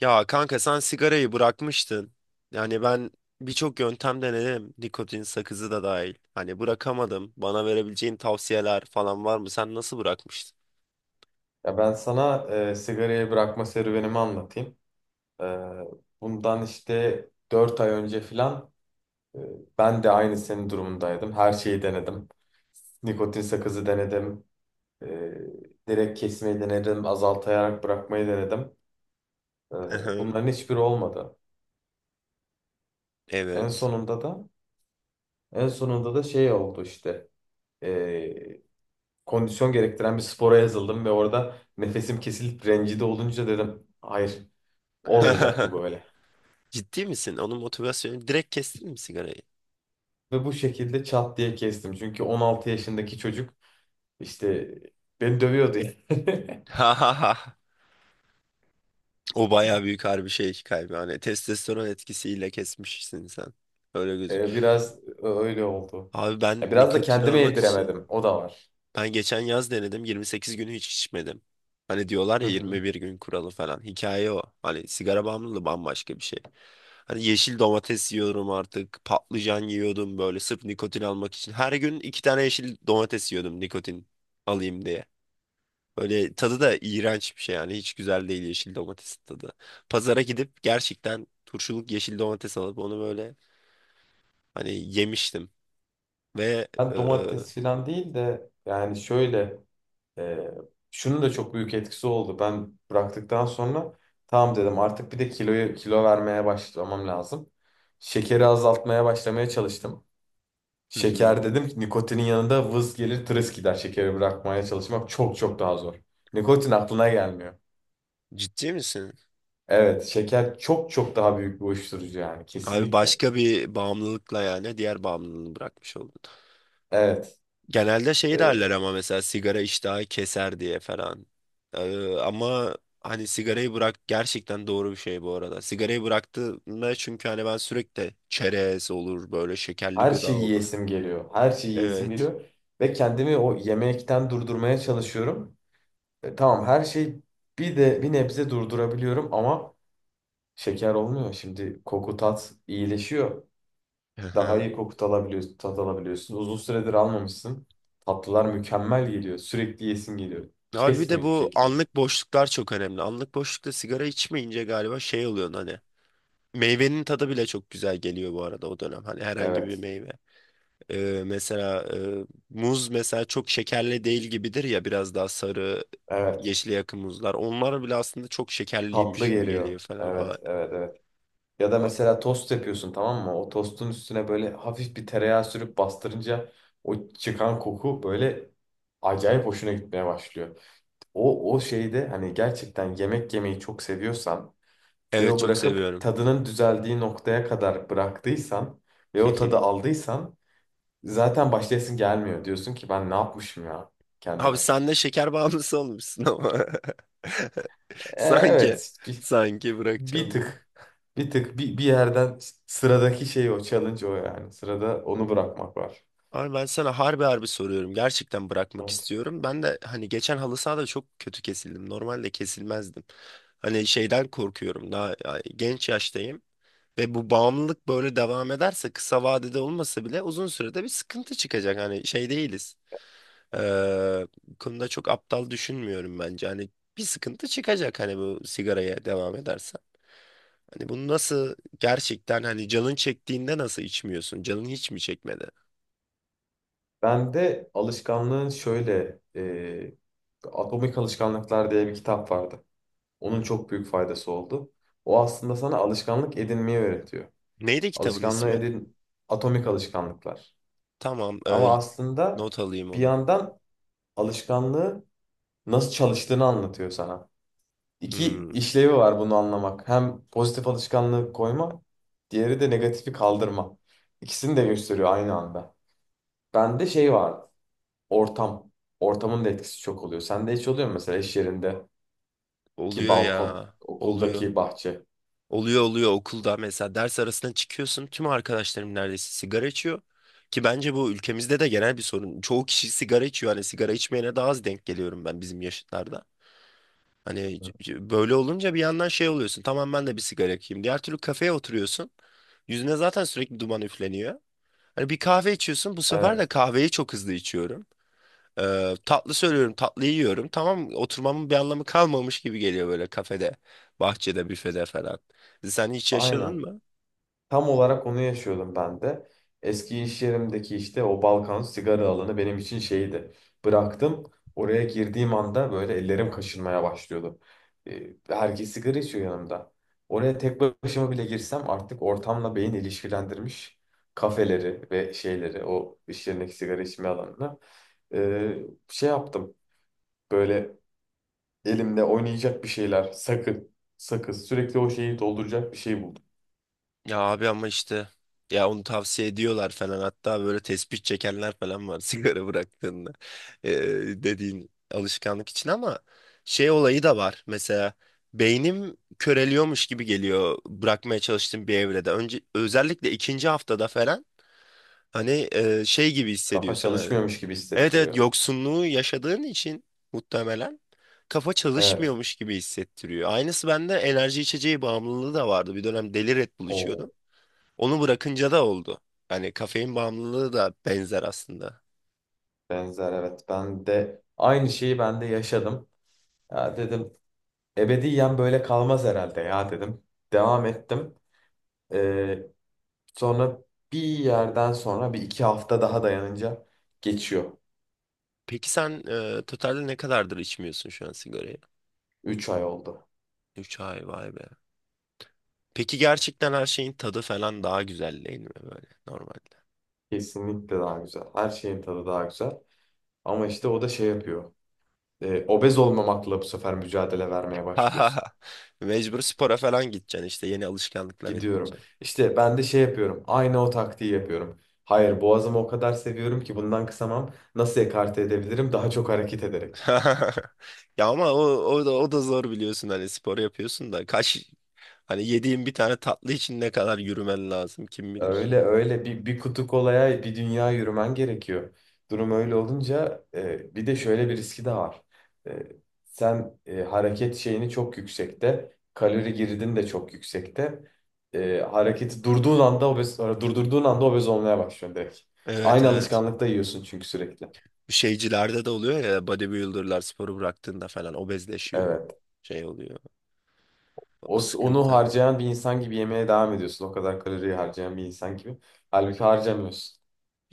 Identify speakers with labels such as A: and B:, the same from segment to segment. A: Ya kanka sen sigarayı bırakmıştın. Yani ben birçok yöntem denedim. Nikotin sakızı da dahil. Hani bırakamadım. Bana verebileceğin tavsiyeler falan var mı? Sen nasıl bırakmıştın?
B: Ya ben sana sigarayı bırakma serüvenimi anlatayım. E, bundan işte 4 ay önce filan e, ben de aynı senin durumundaydım. Her şeyi denedim. Nikotin sakızı denedim. E, direkt kesmeyi denedim. Azaltayarak bırakmayı denedim. E, bunların hiçbiri olmadı. En
A: Evet.
B: sonunda da en sonunda da şey oldu işte. E, kondisyon gerektiren bir spora yazıldım ve orada nefesim kesilip rencide olunca dedim hayır olmayacak bu böyle.
A: Ciddi misin? Onun motivasyonu direkt kestin mi sigarayı?
B: Ve bu şekilde çat diye kestim. Çünkü 16 yaşındaki çocuk işte beni dövüyordu.
A: O baya büyük harbi şey kaybı. Hani testosteron etkisiyle kesmişsin sen. Öyle gözük.
B: Biraz öyle oldu.
A: Abi ben
B: Ya biraz da
A: nikotin
B: kendime
A: almak için
B: yediremedim. O da var.
A: ben geçen yaz denedim, 28 günü hiç içmedim. Hani diyorlar
B: Hı
A: ya,
B: hı.
A: 21 gün kuralı falan. Hikaye o. Hani sigara bağımlılığı bambaşka bir şey. Hani yeşil domates yiyorum artık. Patlıcan yiyordum böyle sırf nikotin almak için. Her gün iki tane yeşil domates yiyordum nikotin alayım diye. Böyle tadı da iğrenç bir şey yani. Hiç güzel değil yeşil domatesin tadı. Pazara gidip gerçekten turşuluk yeşil domates alıp onu böyle hani yemiştim. Ve
B: Ben
A: hı
B: domates falan değil de yani şöyle e, şunun da çok büyük etkisi oldu. Ben bıraktıktan sonra tamam dedim artık bir de kiloyu kilo vermeye başlamam lazım. Şekeri azaltmaya başlamaya çalıştım.
A: hı.
B: Şeker dedim ki nikotinin yanında vız gelir tırıs gider. Şekeri bırakmaya çalışmak çok çok daha zor. Nikotin aklına gelmiyor.
A: Ciddi misin?
B: Evet, şeker çok çok daha büyük bir uyuşturucu yani
A: Abi
B: kesinlikle.
A: başka bir bağımlılıkla yani diğer bağımlılığını bırakmış oldun.
B: Evet,
A: Genelde şey
B: e,
A: derler ama, mesela sigara iştahı keser diye falan. Ama hani sigarayı bırak gerçekten doğru bir şey bu arada. Sigarayı bıraktığımda çünkü hani ben sürekli çerez olur böyle, şekerli
B: her
A: gıda
B: şeyi
A: olur.
B: yiyesim geliyor. Her şeyi yiyesim
A: Evet.
B: geliyor ve kendimi o yemekten durdurmaya çalışıyorum. Tamam her şey bir de bir nebze durdurabiliyorum ama şeker olmuyor. Şimdi koku tat iyileşiyor.
A: Hı
B: Daha
A: hı.
B: iyi koku alabiliyorsun, tat alabiliyorsun. Uzun süredir almamışsın. Tatlılar mükemmel geliyor. Sürekli yesin geliyor.
A: Abi bir de
B: Kesmiyor hiçbir
A: bu
B: şekilde.
A: anlık boşluklar çok önemli. Anlık boşlukta sigara içmeyince galiba şey oluyor hani. Meyvenin tadı bile çok güzel geliyor bu arada o dönem. Hani herhangi bir
B: Evet,
A: meyve. Mesela muz mesela çok şekerli değil gibidir ya, biraz daha sarı
B: evet.
A: yeşile yakın muzlar. Onlar bile aslında çok
B: Tatlı
A: şekerliymiş gibi
B: geliyor.
A: geliyor falan.
B: Evet, evet, evet. Ya da
A: A-
B: mesela tost yapıyorsun tamam mı? O tostun üstüne böyle hafif bir tereyağı sürüp bastırınca o çıkan koku böyle acayip hoşuna gitmeye başlıyor. O, o şeyde hani gerçekten yemek yemeyi çok seviyorsan ve
A: evet,
B: o
A: çok
B: bırakıp
A: seviyorum.
B: tadının düzeldiği noktaya kadar bıraktıysan ve
A: Hı
B: o tadı
A: hı.
B: aldıysan zaten başlayasın gelmiyor. Diyorsun ki ben ne yapmışım ya
A: Abi
B: kendime.
A: sen de şeker bağımlısı olmuşsun ama. Sanki
B: Evet bir,
A: sanki
B: bir
A: bırakacağım diye.
B: tık bir tık bir yerden sıradaki şey o challenge o yani. Sırada onu bırakmak var.
A: Abi ben sana harbi harbi soruyorum. Gerçekten bırakmak
B: Evet.
A: istiyorum. Ben de hani geçen halı sahada çok kötü kesildim. Normalde kesilmezdim. Hani şeyden korkuyorum. Daha yani genç yaştayım. Ve bu bağımlılık böyle devam ederse kısa vadede olmasa bile uzun sürede bir sıkıntı çıkacak. Hani şey değiliz. Ee, Bu konuda çok aptal düşünmüyorum bence. Hani bir sıkıntı çıkacak hani bu sigaraya devam edersen. Hani bunu nasıl gerçekten hani canın çektiğinde nasıl içmiyorsun? Canın hiç mi çekmedi?
B: Ben de alışkanlığın şöyle Atomik Alışkanlıklar diye bir kitap vardı. Onun çok büyük faydası oldu. O aslında sana alışkanlık edinmeyi öğretiyor.
A: Neydi kitabın
B: Alışkanlığı
A: ismi?
B: edin atomik alışkanlıklar.
A: Tamam,
B: Ama aslında
A: not alayım
B: bir
A: onu.
B: yandan alışkanlığı nasıl çalıştığını anlatıyor sana. İki
A: Hmm,
B: işlevi var bunu anlamak. Hem pozitif alışkanlığı koyma, diğeri de negatifi kaldırma. İkisini de gösteriyor aynı anda. Bende şey var, ortam. Ortamın da etkisi çok oluyor. Sende hiç oluyor mu mesela iş yerindeki
A: oluyor
B: balkon,
A: ya. Oluyor.
B: okuldaki bahçe?
A: Oluyor oluyor, okulda mesela ders arasına çıkıyorsun, tüm arkadaşlarım neredeyse sigara içiyor. Ki bence bu ülkemizde de genel bir sorun. Çoğu kişi sigara içiyor. Hani sigara içmeyene daha az denk geliyorum ben bizim yaşıtlarda. Hani böyle olunca bir yandan şey oluyorsun. Tamam ben de bir sigara yakayım. Diğer türlü kafeye oturuyorsun. Yüzüne zaten sürekli duman üfleniyor. Hani bir kahve içiyorsun. Bu sefer de
B: Evet,
A: kahveyi çok hızlı içiyorum. Tatlı söylüyorum, tatlı yiyorum. Tamam, oturmamın bir anlamı kalmamış gibi geliyor böyle kafede, bahçede, büfede falan. Sen hiç yaşadın
B: aynen.
A: mı?
B: Tam olarak onu yaşıyordum ben de. Eski iş yerimdeki işte o Balkan sigara alanı benim için şeydi. Bıraktım. Oraya girdiğim anda böyle ellerim kaşınmaya başlıyordu. Herkes sigara içiyor yanımda. Oraya tek başıma bile girsem artık ortamla beyin ilişkilendirmiş kafeleri ve şeyleri o iş yerindeki sigara içme alanını ee, şey yaptım. Böyle elimde oynayacak bir şeyler sakın sakız sakız, sürekli o şeyi dolduracak bir şey buldum.
A: Ya abi ama işte, ya onu tavsiye ediyorlar falan, hatta böyle tespih çekenler falan var sigara bıraktığında. Ee, Dediğin alışkanlık için ama şey olayı da var mesela, beynim köreliyormuş gibi geliyor bırakmaya çalıştığım bir evrede, önce özellikle ikinci haftada falan. Hani şey gibi
B: Kafa
A: hissediyorsun hani.
B: çalışmıyormuş gibi
A: Evet evet,
B: hissettiriyor.
A: yoksunluğu yaşadığın için muhtemelen kafa
B: Evet.
A: çalışmıyormuş gibi hissettiriyor. Aynısı bende enerji içeceği bağımlılığı da vardı, bir dönem deli Red Bull
B: O
A: içiyordum. Onu bırakınca da oldu. Yani kafein bağımlılığı da benzer aslında.
B: benzer evet. Ben de aynı şeyi ben de yaşadım. Ya dedim ebediyen böyle kalmaz herhalde ya dedim. Devam ettim. Ee, sonra bir yerden sonra bir iki hafta daha dayanınca geçiyor.
A: Peki sen totalde ne kadardır içmiyorsun şu an sigarayı?
B: 3 ay oldu.
A: 3 ay, vay be. Peki gerçekten her şeyin tadı falan daha güzel değil mi böyle normalde?
B: Kesinlikle daha güzel. Her şeyin tadı daha güzel. Ama işte o da şey yapıyor. Obez olmamakla bu sefer mücadele vermeye başlıyorsun.
A: Mecbur spora falan gideceksin işte yeni alışkanlıklar
B: Gidiyorum.
A: edince.
B: İşte ben de şey yapıyorum. Aynı o taktiği yapıyorum. Hayır, boğazımı o kadar seviyorum ki bundan kısamam. Nasıl ekarte edebilirim? Daha çok hareket ederek.
A: Ya ama o da zor biliyorsun, hani spor yapıyorsun da kaç hani yediğin bir tane tatlı için ne kadar yürümen lazım kim bilir.
B: Öyle öyle bir kutu kolaya bir dünya yürümen gerekiyor. Durum öyle olunca bir de şöyle bir riski de var. E, sen hareket şeyini çok yüksekte, kalori girdin de çok yüksekte. Hareketi durdurduğun anda obez olmaya başlıyorsun direkt.
A: Evet
B: Aynı
A: evet.
B: alışkanlıkta yiyorsun çünkü sürekli.
A: Şeycilerde de oluyor ya, bodybuilderlar sporu bıraktığında falan obezleşiyor.
B: Evet.
A: Şey oluyor. O
B: O, onu
A: sıkıntı.
B: harcayan bir insan gibi yemeye devam ediyorsun. O kadar kaloriyi harcayan bir insan gibi. Halbuki harcamıyorsun.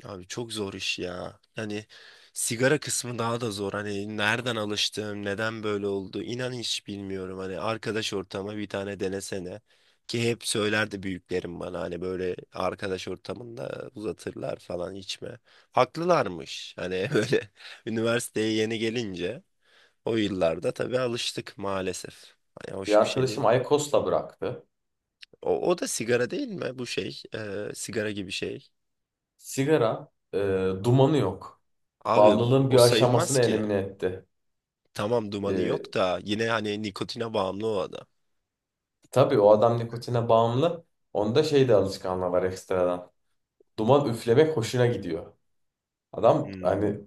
A: Abi çok zor iş ya. Hani sigara kısmı daha da zor. Hani nereden alıştım, neden böyle oldu, inan hiç bilmiyorum. Hani arkadaş ortamı bir tane denesene. Ki hep söylerdi büyüklerim bana, hani böyle arkadaş ortamında uzatırlar falan, içme. Haklılarmış. Hani böyle üniversiteye yeni gelince o yıllarda tabii alıştık maalesef. Hani
B: Bir
A: hoş bir şey
B: arkadaşım
A: değil.
B: IQOS'la bıraktı.
A: O, o da sigara değil mi? Bu şey, sigara gibi şey.
B: Sigara dumanı yok.
A: Abi
B: Bağımlılığın
A: o
B: bir
A: sayılmaz
B: aşamasını
A: ki.
B: elimine etti.
A: Tamam dumanı
B: E,
A: yok da yine hani nikotine bağımlı o adam.
B: tabii o adam nikotine bağımlı. Onda şey de alışkanlığı var ekstradan. Duman üflemek hoşuna gidiyor. Adam
A: Hmm,
B: hani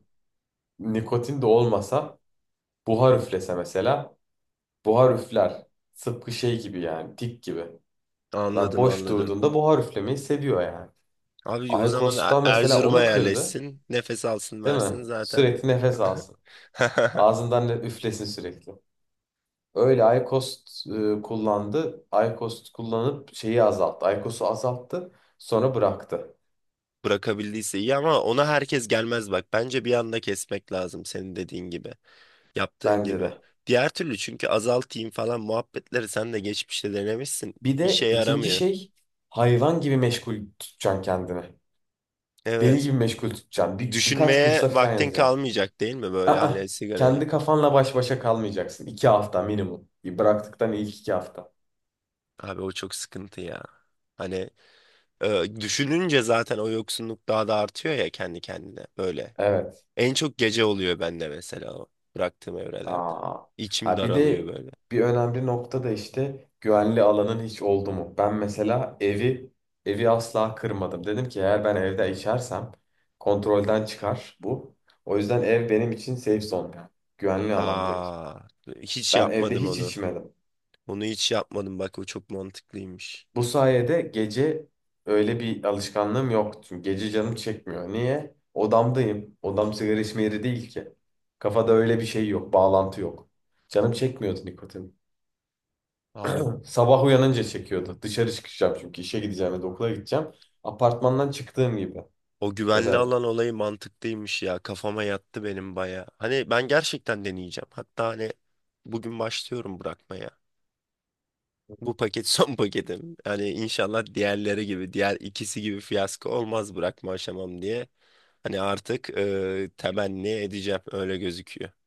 B: nikotin de olmasa buhar üflese mesela buhar üfler. Tıpkı şey gibi yani tik gibi. Adam
A: anladım
B: boş
A: anladım.
B: durduğunda buhar üflemeyi seviyor yani.
A: Abi o zaman
B: Aykos'ta mesela
A: Erzurum'a
B: onu kırdı,
A: yerleşsin, nefes alsın
B: değil mi?
A: versin zaten.
B: Sürekli nefes alsın. Ağzından ne üflesin sürekli. Öyle Aykost kullandı. Aykost kullanıp şeyi azalttı. Aykos'u azalttı. Sonra bıraktı.
A: Bırakabildiyse iyi ama ona herkes gelmez bak. Bence bir anda kesmek lazım, senin dediğin gibi, yaptığın
B: Bence
A: gibi.
B: de.
A: Diğer türlü çünkü azaltayım falan muhabbetleri sen de geçmişte denemişsin.
B: Bir
A: İşe
B: de ikinci
A: yaramıyor.
B: şey hayvan gibi meşgul tutacaksın kendini. Deli
A: Evet,
B: gibi meşgul tutacaksın. Bir, birkaç
A: düşünmeye
B: kursa falan
A: vaktin
B: yazacaksın.
A: kalmayacak değil mi böyle
B: Aa,
A: hani sigarayı?
B: kendi kafanla baş başa kalmayacaksın. 2 hafta minimum. Bıraktıktan ilk 2 hafta.
A: Abi o çok sıkıntı ya. Hani düşününce zaten o yoksunluk daha da artıyor ya kendi kendine böyle.
B: Evet.
A: En çok gece oluyor bende mesela o bıraktığım evrelerde.
B: Aa.
A: İçim
B: Ha bir
A: daralıyor
B: de
A: böyle.
B: bir önemli nokta da işte güvenli alanın hiç oldu mu? Ben mesela evi asla kırmadım. Dedim ki eğer ben evde içersem kontrolden çıkar bu. O yüzden ev benim için safe zone yani. Güvenli alan direkt.
A: Aa, hiç
B: Ben evde
A: yapmadım
B: hiç
A: onu.
B: içmedim.
A: Onu hiç yapmadım bak, o çok mantıklıymış.
B: Bu sayede gece öyle bir alışkanlığım yok. Çünkü gece canım çekmiyor. Niye? Odamdayım. Odam sigara içme yeri değil ki. Kafada öyle bir şey yok, bağlantı yok. Canım çekmiyordu nikotin.
A: Abi
B: Sabah uyanınca çekiyordu. Dışarı çıkacağım çünkü işe gideceğim ya da okula gideceğim. Apartmandan çıktığım gibi
A: o
B: ya
A: güvenli
B: da
A: alan olayı mantıklıymış ya. Kafama yattı benim baya. Hani ben gerçekten deneyeceğim. Hatta hani bugün başlıyorum bırakmaya. Bu paket son paketim. Hani inşallah diğerleri gibi, diğer ikisi gibi fiyasko olmaz bırakma aşamam diye. Hani artık temenni edeceğim, öyle gözüküyor.